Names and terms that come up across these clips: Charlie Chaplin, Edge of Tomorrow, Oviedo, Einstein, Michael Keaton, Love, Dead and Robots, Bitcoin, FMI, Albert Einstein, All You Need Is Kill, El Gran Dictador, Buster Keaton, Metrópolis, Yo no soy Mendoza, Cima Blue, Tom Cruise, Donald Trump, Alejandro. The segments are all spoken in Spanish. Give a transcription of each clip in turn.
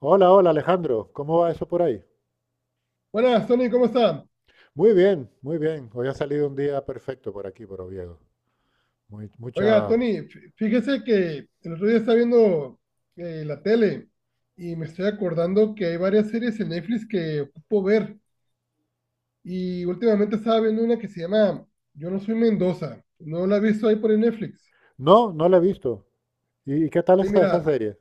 Hola, hola Alejandro, ¿cómo va eso por ahí? Buenas, Tony, ¿cómo está? Muy bien, muy bien. Hoy ha salido un día perfecto por aquí, por Oviedo. Muy, Oiga, mucha... Tony, fíjese que el otro día estaba viendo la tele y me estoy acordando que hay varias series en Netflix que ocupo ver. Y últimamente estaba viendo una que se llama Yo no soy Mendoza. No la he visto ahí por el Netflix. No, la he visto. ¿Y qué tal Y está esa mira, serie?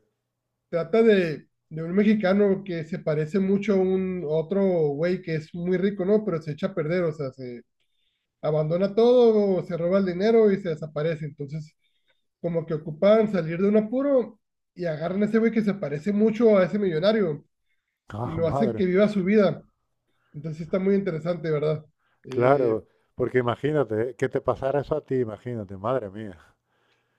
trata de un mexicano que se parece mucho a un a otro güey que es muy rico, ¿no? Pero se echa a perder, o sea, se abandona todo, se roba el dinero y se desaparece. Entonces como que ocupan salir de un apuro y agarran a ese güey que se parece mucho a ese millonario y Ah, lo hacen madre, que viva su vida. Entonces sí está muy interesante, ¿verdad? claro, Eh, porque imagínate, que te pasara eso a ti, imagínate, madre mía,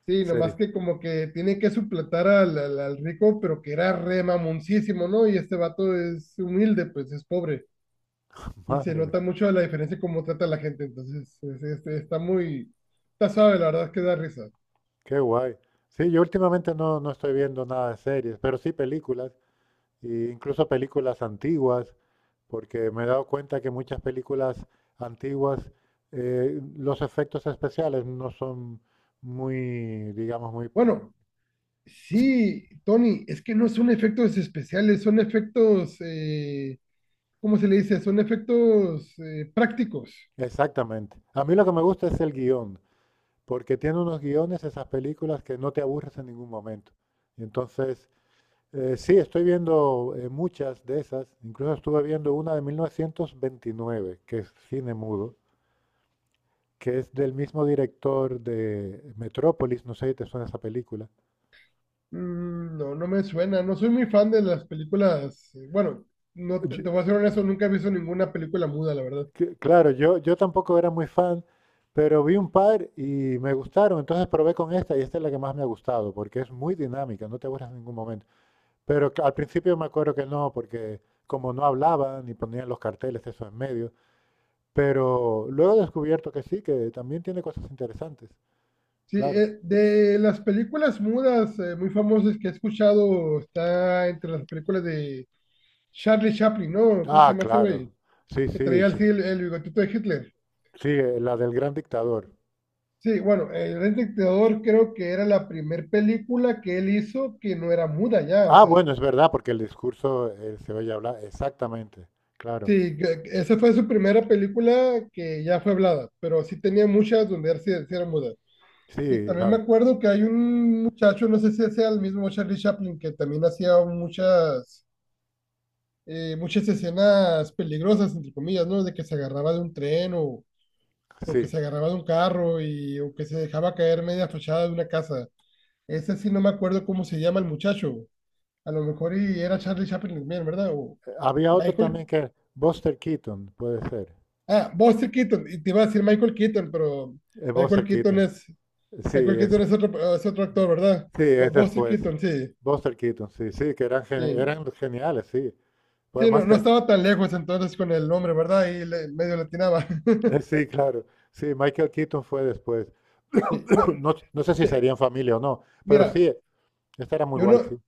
sí, nomás serie, que como que tiene que suplantar al rico, pero que era re mamoncísimo, ¿no? Y este vato es humilde, pues es pobre. Y se madre mía, nota mucho la diferencia en cómo trata a la gente. Entonces está muy... Está suave, la verdad es que da risa. qué guay. Sí, yo últimamente no estoy viendo nada de series, pero sí películas, e incluso películas antiguas. Porque me he dado cuenta que muchas películas antiguas, los efectos especiales no son muy, digamos, muy... Bueno, Sí, sí, Tony, es que no son efectos especiales, son efectos... ¿cómo se le dice? Son efectos prácticos. exactamente. A mí lo que me gusta es el guión, porque tiene unos guiones esas películas que no te aburres en ningún momento. Y entonces, sí, estoy viendo muchas de esas, incluso estuve viendo una de 1929, que es cine mudo, que es del mismo director de Metrópolis, no sé si te suena esa película. Mm, no, no me suena. No soy muy fan de las películas. Bueno, no te, te Yo- voy a ser honesto, nunca he visto ninguna película muda, la verdad. Claro, yo tampoco era muy fan, pero vi un par y me gustaron, entonces probé con esta y esta es la que más me ha gustado, porque es muy dinámica, no te aburres en ningún momento. Pero que al principio me acuerdo que no, porque como no hablaban y ponían los carteles eso en medio, pero luego he descubierto que sí, que también tiene cosas interesantes, Sí, claro. De las películas mudas muy famosas que he escuchado, está entre las películas de Charlie Chaplin, ¿no? ¿Cómo se Ah, llama ese claro, güey? sí, Que sí, traía así el bigotito de Hitler. sí, la del gran dictador. Sí, bueno, El Gran Dictador creo que era la primer película que él hizo que no era muda ya, o Ah, sea, bueno, es verdad, porque el discurso se oye hablar, exactamente, claro. sí, que esa fue su primera película que ya fue hablada, pero sí tenía muchas donde él sí era muda. Y Sí, también me la, acuerdo que hay un muchacho, no sé si sea el mismo Charlie Chaplin, que también hacía muchas escenas peligrosas, entre comillas, ¿no? De que se agarraba de un tren o que sí. se agarraba de un carro y, o que se dejaba caer media fachada de una casa. Ese sí no me acuerdo cómo se llama el muchacho. A lo mejor y era Charlie Chaplin también, ¿verdad? O Había otro Michael... también que era Buster Keaton, puede ser. Ah, Buster Keaton, y te iba a decir Michael Keaton, pero Es Michael Buster Keaton Keaton. es, Sí, Michael es, Keaton es otro actor, ¿verdad? sí, es Buster después. Keaton, sí, Buster Keaton, sí, sí, que eran, sí. eran geniales, sí. Pues Sí, no, además, no te- estaba tan lejos entonces con el nombre, ¿verdad? Y medio latinaba. Sí, claro. Sí, Michael Keaton fue después. Sí, no, No, no sé si te- serían familia o no, pero mira, sí, esta era muy yo guay, sí. no,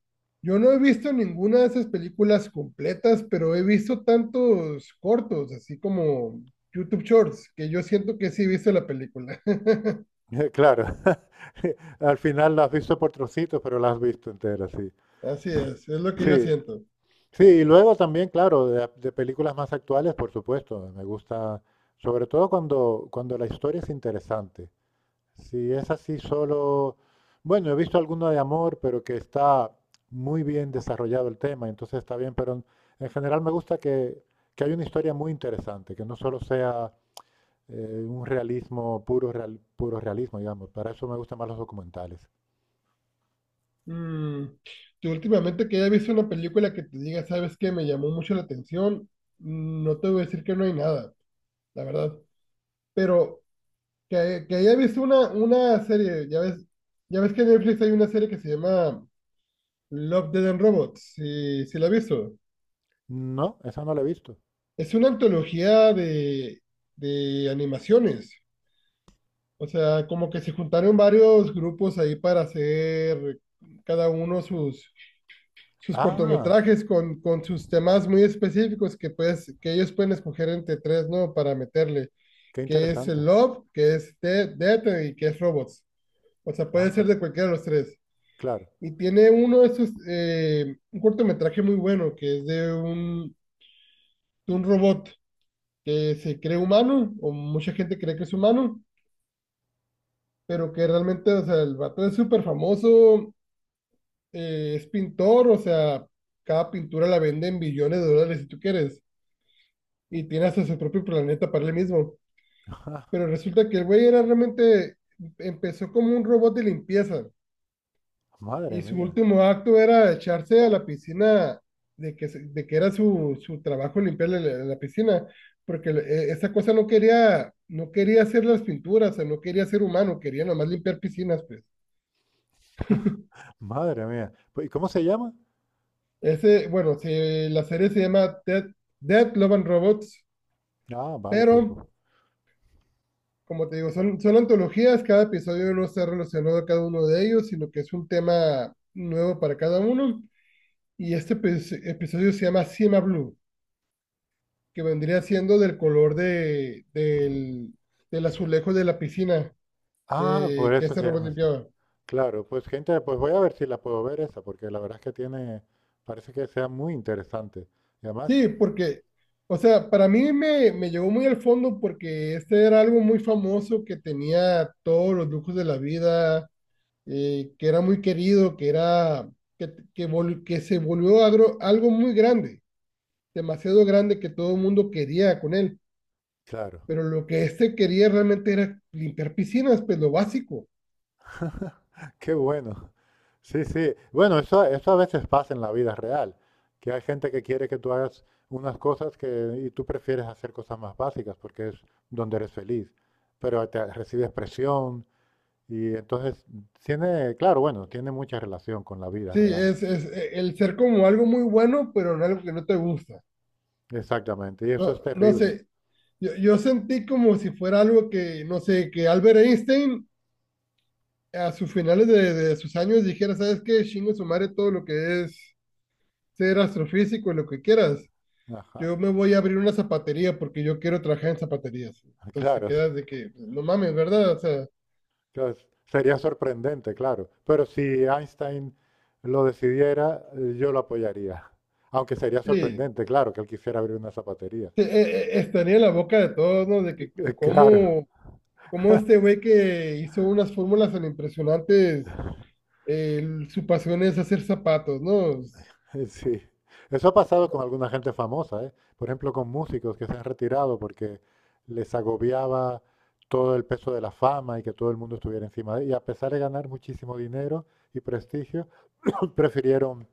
yo no he visto ninguna de esas películas completas, pero he visto tantos cortos, así como YouTube Shorts, que yo siento que sí he visto la película. Claro. Al final la has visto por trocitos, pero la has visto entera, sí. Así es lo que yo Sí, siento. sí, y luego también, claro, de películas más actuales, por supuesto, me gusta, sobre todo cuando la historia es interesante. Si es así solo, bueno, he visto alguno de amor, pero que está muy bien desarrollado el tema, entonces está bien, pero en general me gusta que haya una historia muy interesante, que no solo sea un realismo, puro, puro realismo, digamos. Para eso me gustan más los documentales. Mm, yo últimamente que haya visto una película que te diga, sabes que me llamó mucho la atención, mm, no te voy a decir que no hay nada, la verdad. Pero que haya visto una serie, ya ves que en Netflix hay una serie que se llama Love, Dead and Robots, si la has visto. No, esa no la he visto. Es una antología de animaciones. O sea, como que se juntaron varios grupos ahí para hacer cada uno sus Ah, cortometrajes con sus temas muy específicos que, pues, que ellos pueden escoger entre tres, ¿no? Para meterle, qué que es el interesante. Love, que es Death y que es Robots. O sea, puede ser Ah, de cualquiera de los tres. claro. Y tiene uno de esos, un cortometraje muy bueno, que es de de un robot que se cree humano, o mucha gente cree que es humano, pero que realmente, o sea, el vato es súper famoso, es pintor, o sea, cada pintura la vende en billones de dólares si tú quieres y tiene hasta su propio planeta para él mismo. Pero resulta que el güey era realmente, empezó como un robot de limpieza Madre y su mía, último acto era echarse a la piscina de que, de que era su trabajo limpiarle la piscina, porque esa cosa no quería, no quería hacer las pinturas, o sea, no quería ser humano, quería nomás limpiar piscinas, pues. madre mía. Pues, ¿y cómo se llama? Ese, bueno, la serie se llama Dead Love and Robots, Ah, vale, pues, pero pues. como te digo, son antologías, cada episodio no está relacionado a cada uno de ellos, sino que es un tema nuevo para cada uno. Y este pues, episodio se llama Cima Blue, que vendría siendo del color del azulejo de la piscina Ah, por que eso este se robot llama así. limpiaba. Claro, pues gente, pues voy a ver si la puedo ver esa, porque la verdad es que tiene, parece que sea muy interesante. Y además, Sí, porque, o sea, para mí me llegó muy al fondo porque este era algo muy famoso que tenía todos los lujos de la vida, que era muy querido, que era que se volvió algo muy grande, demasiado grande que todo el mundo quería con él. claro, Pero lo que este quería realmente era limpiar piscinas, pues lo básico. qué bueno. Sí, sí. Bueno, eso a veces pasa en la vida real, que hay gente que quiere que tú hagas unas cosas que, y tú prefieres hacer cosas más básicas porque es donde eres feliz, pero te recibes presión. Y entonces tiene, claro, bueno, tiene mucha relación con la vida Sí, real. Es el ser como algo muy bueno, pero en algo que no te gusta. Exactamente, y No, eso es no terrible. sé, yo sentí como si fuera algo que, no sé, que Albert Einstein a sus finales de sus años dijera, ¿sabes qué? Chingo su madre todo lo que es ser astrofísico, y lo que quieras. Ajá. Yo me voy a abrir una zapatería porque yo quiero trabajar en zapaterías. Entonces te Claro, quedas de que, pues, no mames, ¿verdad? O sea, claro, sería sorprendente, claro. Pero si Einstein lo decidiera, yo lo apoyaría. Aunque sería sí, sorprendente, claro, que él quisiera abrir una zapatería. sí, estaría en la boca de todos, ¿no? De que claro, cómo, cómo este güey que hizo unas fórmulas tan impresionantes, su pasión es hacer zapatos, ¿no? sí, eso ha pasado con alguna gente famosa, ¿eh? Por ejemplo, con músicos que se han retirado porque les agobiaba todo el peso de la fama y que todo el mundo estuviera encima de ellos. Y a pesar de ganar muchísimo dinero y prestigio, prefirieron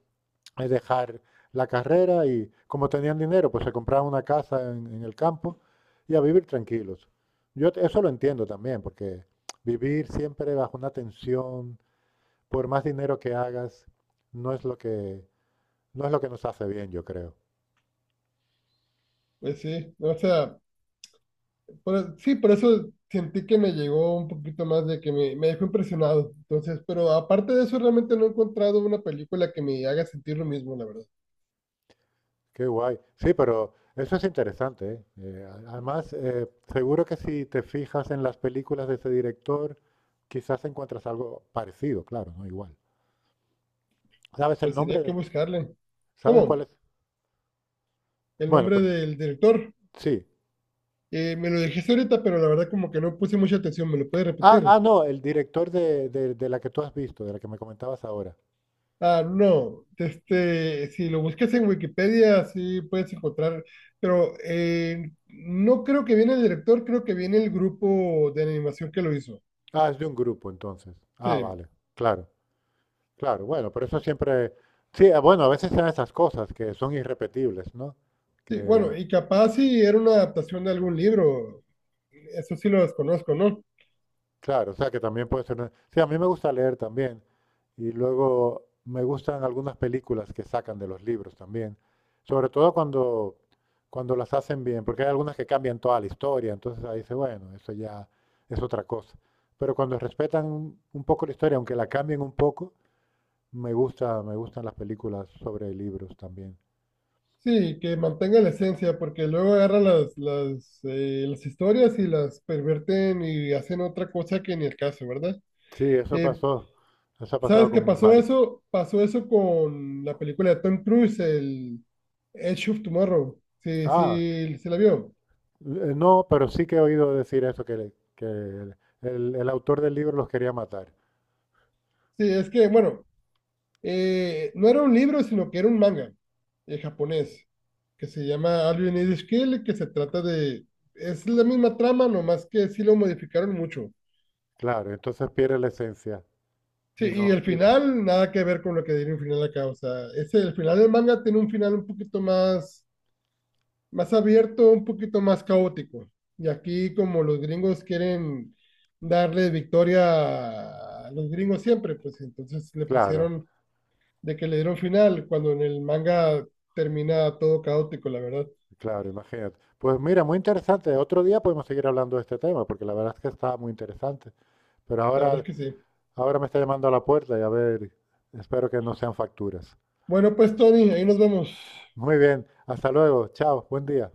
dejar la carrera y como tenían dinero, pues se compraban una casa en el campo y a vivir tranquilos. Eso lo entiendo también, porque vivir siempre bajo una tensión, por más dinero que hagas, no es lo que no es lo que nos hace bien, yo creo. Pues sí, o sea, sí, por eso sentí que me llegó un poquito más de que me dejó impresionado. Entonces, pero aparte de eso, realmente no he encontrado una película que me haga sentir lo mismo, la verdad. Qué guay. Sí, pero eso es interesante, ¿eh? Además, seguro que si te fijas en las películas de ese director, quizás encuentras algo parecido, claro, no igual. ¿Sabes el Pues sería nombre? que buscarle. ¿Sabes cuál es? ¿Cómo? El Bueno, nombre pero del director. sí. Me lo dijiste ahorita, pero la verdad como que no puse mucha atención. ¿Me lo puedes Ah, repetir? ah, no, el director de la que tú has visto, de la que me comentabas ahora. Ah, no. Este, si lo buscas en Wikipedia, sí puedes encontrar. Pero no creo que viene el director, creo que viene el grupo de animación que lo hizo. Ah, es de un grupo, entonces. Ah, Sí, vale, claro, claro. Bueno, pero eso siempre... Sí, ah, bueno, a veces son esas cosas que son irrepetibles, ¿no? sí. Que Bueno, y capaz si era una adaptación de algún libro. Eso sí lo desconozco, ¿no? claro, o sea que también puede ser... Sí, a mí me gusta leer también. Y luego me gustan algunas películas que sacan de los libros también. Sobre todo cuando las hacen bien, porque hay algunas que cambian toda la historia. Entonces ahí dice, bueno, eso ya es otra cosa. Pero cuando respetan un poco la historia, aunque la cambien un poco, me gustan las películas sobre libros también. Sí, que mantenga la esencia, porque luego agarran las historias y las perverten y hacen otra cosa que ni el caso, ¿verdad? Sí, eso Eh, pasó. Eso ha pasado ¿Sabes qué con pasó varios. eso? Pasó eso con la película de Tom Cruise, el Edge of Tomorrow. Sí, Ah, sí, se la vio. eh, no, pero sí que he oído decir eso, que el autor del libro los quería matar. Sí, es que, bueno, no era un libro, sino que era un manga japonés, que se llama All You Need Is Kill, que se trata de... Es la misma trama, nomás que sí lo modificaron mucho. Claro, entonces pierde la esencia. Y Sí, y no, el y- final, nada que ver con lo que diría un final acá. O sea, ese, el final del manga tiene un final un poquito más, más abierto, un poquito más caótico. Y aquí, como los gringos quieren darle victoria a los gringos siempre, pues entonces le Claro, pusieron de que le dieron final, cuando en el manga termina todo caótico, la verdad. claro, imagínate. Pues mira, muy interesante. Otro día podemos seguir hablando de este tema, porque la verdad es que está muy interesante. Pero La verdad es que sí. ahora me está llamando a la puerta y a ver, espero que no sean facturas. Bueno, pues Tony, ahí nos vemos. Muy bien, hasta luego, chao, buen día.